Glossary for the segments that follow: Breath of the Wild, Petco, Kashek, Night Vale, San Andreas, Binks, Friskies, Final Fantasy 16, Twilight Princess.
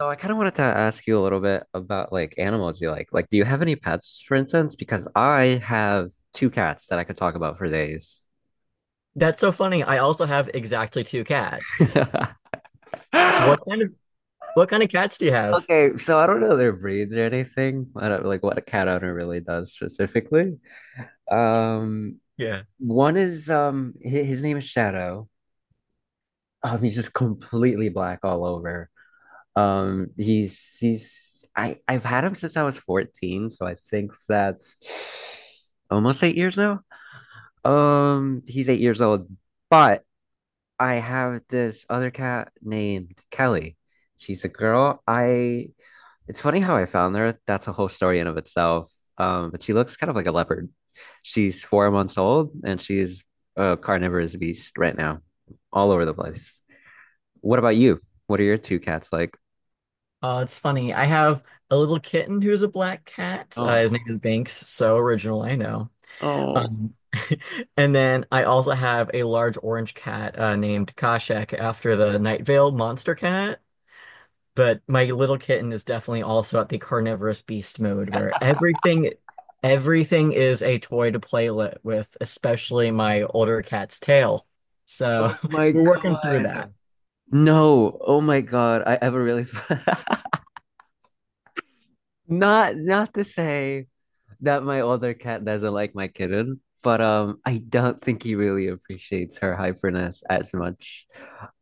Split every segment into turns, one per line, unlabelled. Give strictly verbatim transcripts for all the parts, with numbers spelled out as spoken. So I kind of wanted to ask you a little bit about like animals you like. Like, do you have any pets, for instance? Because I have two cats that I could talk about for days.
That's so funny. I also have exactly two cats. What kind of what kind of cats do you have?
Okay, so I don't know their breeds or anything. I don't like what a cat owner really does specifically. Um,
Yeah.
One is um his, his name is Shadow. Um, he's just completely black all over. Um, he's he's I I've had him since I was fourteen, so I think that's almost eight years now. Um, he's eight years old, but I have this other cat named Kelly. She's a girl. I it's funny how I found her. That's a whole story in of itself. Um, but she looks kind of like a leopard. She's four months old and she's a carnivorous beast right now, all over the place. What about you? What are your two cats like?
Uh, it's funny. I have a little kitten who's a black cat. Uh, his name
Oh,
is Binks. So original, I know.
oh,
Um, and then I also have a large orange cat uh, named Kashek after the Night Vale monster cat. But my little kitten is definitely also at the carnivorous beast mode where everything everything is a toy to play li- with, especially my older cat's tail. So
oh my
we're working through that.
God. No, oh my God. I have a really, not not to say that my older cat doesn't like my kitten, but um, I don't think he really appreciates her hyperness as much.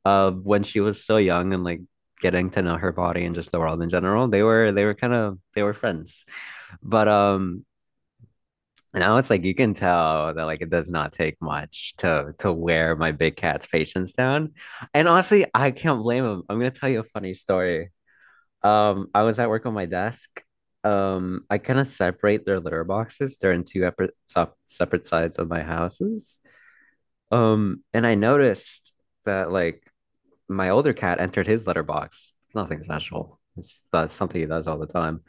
Uh, when she was so young and like getting to know her body and just the world in general, they were they were kind of they were friends. But um, now it's like you can tell that like it does not take much to to wear my big cat's patience down. And honestly, I can't blame him. I'm gonna tell you a funny story. Um, I was at work on my desk. Um, I kind of separate their litter boxes. They're in two epar- sep- separate sides of my houses. Um, and I noticed that like my older cat entered his litter box. Nothing special. It's That's something he does all the time.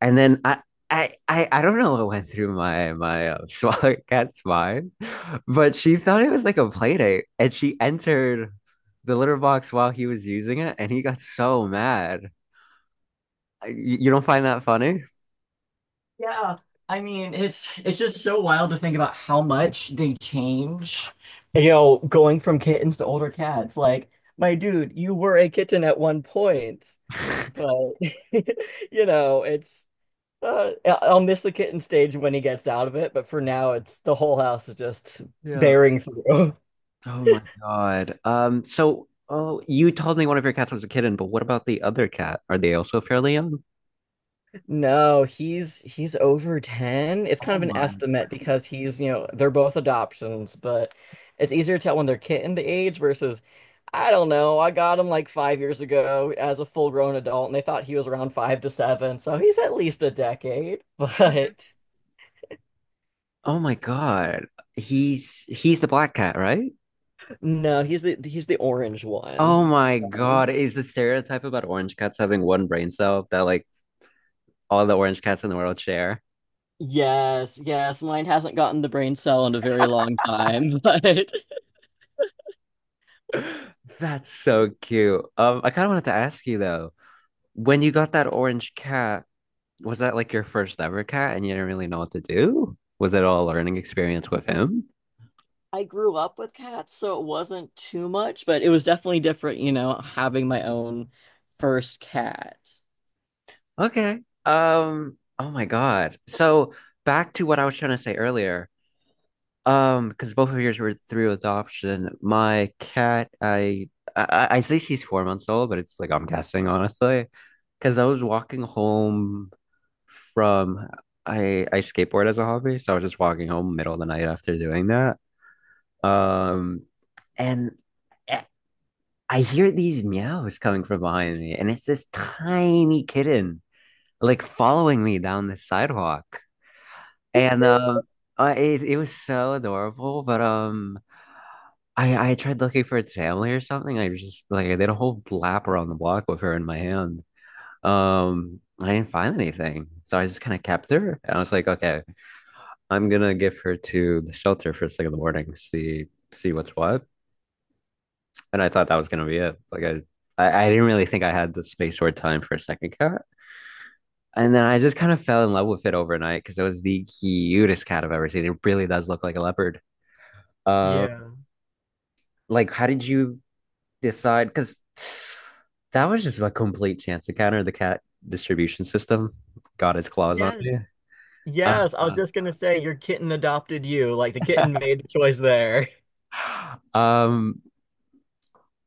And then I, I, I, I don't know what went through my my uh, smaller cat's mind, but she thought it was like a play date, and she entered the litter box while he was using it, and he got so mad. I- You you don't find that funny?
Yeah. I mean, it's it's just so wild to think about how much they change, you know, going from kittens to older cats. Like, my dude, you were a kitten at one point, but you know, it's Uh, I- I'll miss the kitten stage when he gets out of it, but for now, it's the whole house is just
Yeah.
bearing through.
Oh my God. Um, so oh you told me one of your cats was a kitten, but what about the other cat? Are they also fairly young?
No, he's he's over ten. It's kind
Oh
of an
my
estimate
goodness.
because he's, you know, they're both adoptions, but it's easier to tell when they're kitten the age versus, I don't know, I got him like five years ago as a full grown adult, and they thought he was around five to seven, so he's at least a decade.
Okay.
But
Oh my God. He's he's the black cat, right?
no, he's the he's the orange one.
Oh my
So.
God. Is the stereotype about orange cats having one brain cell that like all the orange cats in the world share?
Yes, yes, mine hasn't gotten the brain cell in a very long time, but
That's so cute. Um, I kind of wanted to ask you though, when you got that orange cat, was that like your first ever cat and you didn't really know what to do? Was it all a learning experience with him?
I grew up with cats, so it wasn't too much, but it was definitely different, you know, having my own first cat.
Okay. Um, oh my God. So back to what I was trying to say earlier. Um, because both of yours were through adoption. My cat, I I, I say she's four months old, but it's like I'm guessing honestly. Because I was walking home from I I skateboard as a hobby, so I was just walking home middle of the night after doing that. Um, and I hear these meows coming from behind me, and it's this tiny kitten like following me down the sidewalk. And um, uh, it it was so adorable. But um, I I tried looking for its family or something. I just like I did a whole lap around the block with her in my hand. Um, I didn't find anything, so I just kind of kept her, and I was like, okay, I'm gonna give her to the shelter first thing in the morning, see see what's what. And I thought that was gonna be it. Like I, I, I didn't really think I had the space or time for a second cat, and then I just kind of fell in love with it overnight because it was the cutest cat I've ever seen. It really does look like a leopard. Uh,
Yeah.
like how did you decide? Because that was just a complete chance encounter. The cat distribution system got its claws on
Yes.
me.
Yes. I was
Uh,
just gonna say your kitten adopted you. Like the kitten made the choice there.
um,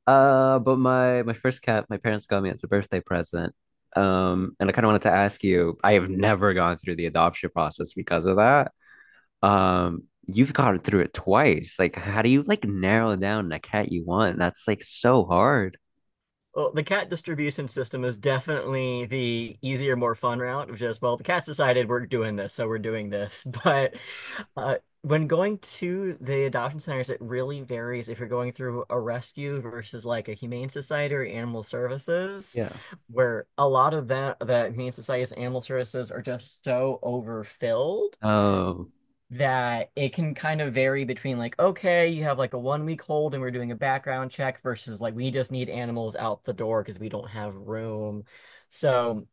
Uh, but my my first cat, my parents got me as a birthday present. Um, and I kind of wanted to ask you, I have never gone through the adoption process because of that. Um, you've gone through it twice. Like, how do you like narrow down the cat you want? That's like so hard.
Well, the cat distribution system is definitely the easier, more fun route of just, well, the cats decided we're doing this, so we're doing this. But uh, when going to the adoption centers, it really varies if you're going through a rescue versus like a humane society or animal services,
Yeah.
where a lot of that, that humane societies and animal services are just so overfilled
Oh,
that it can kind of vary between like, okay, you have like a one week hold and we're doing a background check versus like we just need animals out the door because we don't have room. So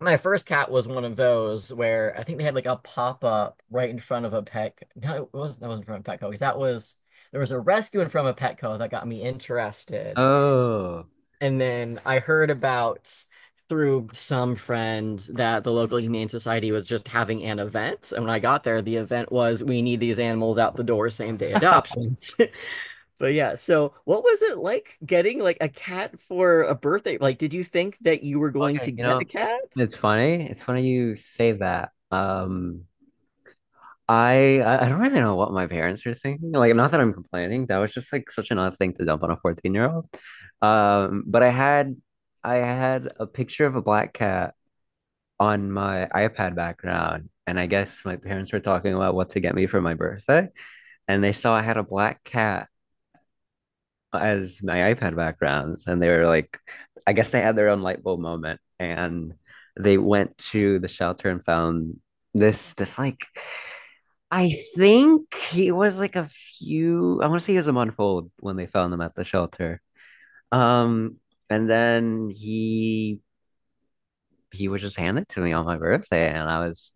my first cat was one of those where I think they had like a pop up right in front of a pet. No, it was that wasn't from a Petco because that was there was a rescue in front of a Petco that got me interested.
oh.
And then I heard about through some friend that the local Humane Society was just having an event. And when I got there, the event was we need these animals out the door, same day adoptions. But yeah, so what was it like getting like a cat for a birthday? Like, did you think that you were going to
Okay, you
get a
know,
cat?
it's funny. It's funny you say that. Um, I I don't really know what my parents were thinking. Like, not that I'm complaining. That was just like such an odd thing to dump on a fourteen year old. Um, but I had I had a picture of a black cat on my iPad background, and I guess my parents were talking about what to get me for my birthday, and they saw I had a black cat as my iPad backgrounds, and they were like, I guess they had their own light bulb moment, and they went to the shelter and found this this like I think he was like a few, I want to say he was a month old when they found him at the shelter. Um, and then he he was just handed to me on my birthday, and I was,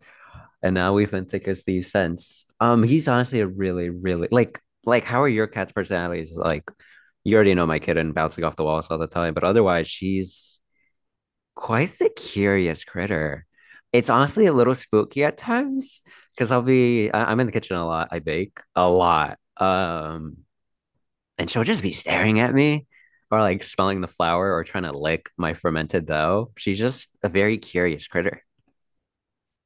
and now we've been thick as thieves since. Um, he's honestly a really, really like like how are your cat's personalities? Like, you already know my kitten bouncing off the walls all the time, but otherwise, she's quite the curious critter. It's honestly a little spooky at times because I'll be I- I'm in the kitchen a lot. I bake a lot. Um, and she'll just be staring at me or like smelling the flour or trying to lick my fermented dough. She's just a very curious critter.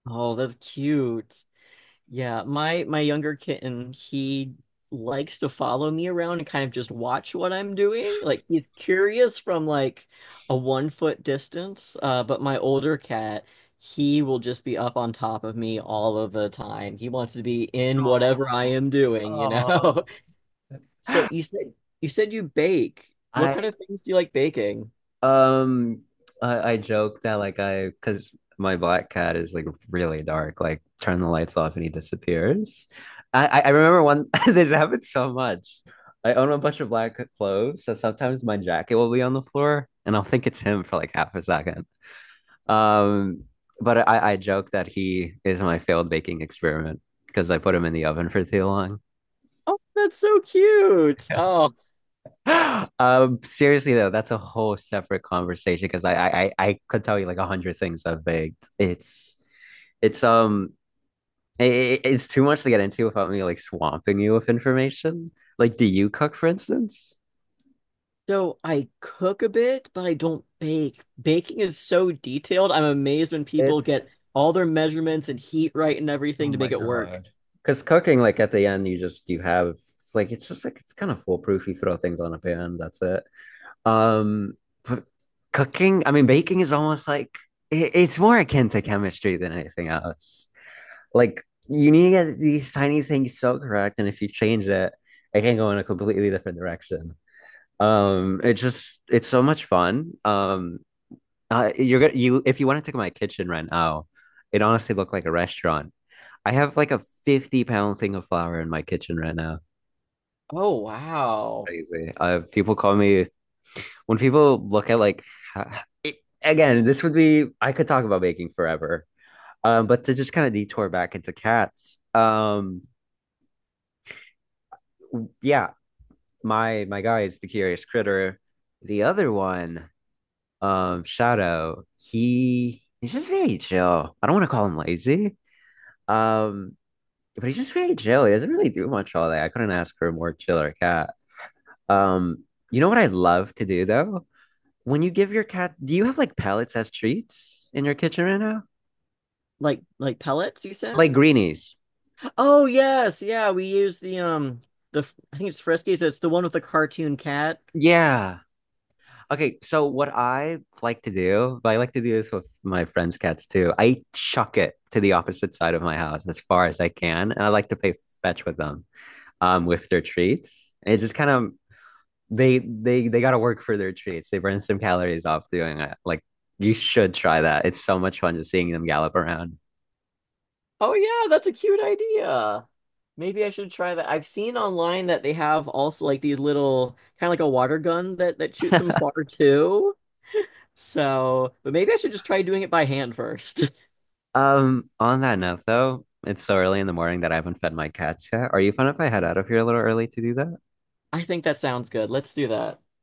Oh, that's cute. Yeah, my my younger kitten, he likes to follow me around and kind of just watch what I'm doing. Like he's curious from like a one foot distance. Uh, but my older cat, he will just be up on top of me all of the time. He wants to be in whatever I
Oh,
am doing, you
oh.
know? So you said you said you bake. What kind
I
of things do you like baking?
Um, I, I joke that like I, because my black cat is like really dark. Like turn the lights off and he disappears. I I I remember one, this happens so much. I own a bunch of black clothes, so sometimes my jacket will be on the floor and I'll think it's him for like half a second. Um, but I I joke that he is my failed baking experiment because I put him in the oven for too long.
Oh, that's so cute. Oh.
Um, seriously though, that's a whole separate conversation because I, I I I could tell you like a hundred things I've baked. It's it's um it, it's too much to get into without me like swamping you with information. Like, do you cook, for instance?
So I cook a bit, but I don't bake. Baking is so detailed. I'm amazed when people
It's
get all their measurements and heat right and
Oh
everything to
my
make it work.
God. Because cooking, like at the end, you just you have like it's just like it's kind of foolproof. You throw things on a pan, that's it. Um, but cooking, I mean, baking is almost like it, it's more akin to chemistry than anything else. Like you need to get these tiny things so correct, and if you change it, it can go in a completely different direction. Um, it just it's so much fun. Um, uh, you're gonna you, if you wanted to go to my kitchen right now, it honestly looked like a restaurant. I have like a fifty pound thing of flour in my kitchen right now.
Oh, wow.
Crazy. Uh, people call me when people look at like ha- it, again, this would be I could talk about baking forever. Um, but to just kind of detour back into cats, um, yeah, my my guy is the curious critter. The other one, um, Shadow, he he's just very chill. I don't want to call him lazy. Um, but he's just very chill. He doesn't really do much all day. I couldn't ask for a more chiller cat. Um, you know what I love to do though? When you give your cat, do you have like pellets as treats in your kitchen right now?
Like like pellets, you said?
Like greenies.
Oh yes, yeah. We use the um the f- I think it's Friskies. It's the one with the cartoon cat.
Yeah. Okay, so what I like to do, but I like to do this with my friends' cats too. I chuck it to the opposite side of my house as far as I can, and I like to play fetch with them, um, with their treats. And it just kind of they they they got to work for their treats. They burn some calories off doing it. Like you should try that. It's so much fun just seeing them gallop around.
Oh, yeah, that's a cute idea. Maybe I should try that. I've seen online that they have also like these little kind of like a water gun that that shoots some water too. So, but maybe I should just try doing it by hand first.
Um, on that note though, it's so early in the morning that I haven't fed my cats yet. Are you fun if I head out of here a little early to do that?
I think that sounds good. Let's do that.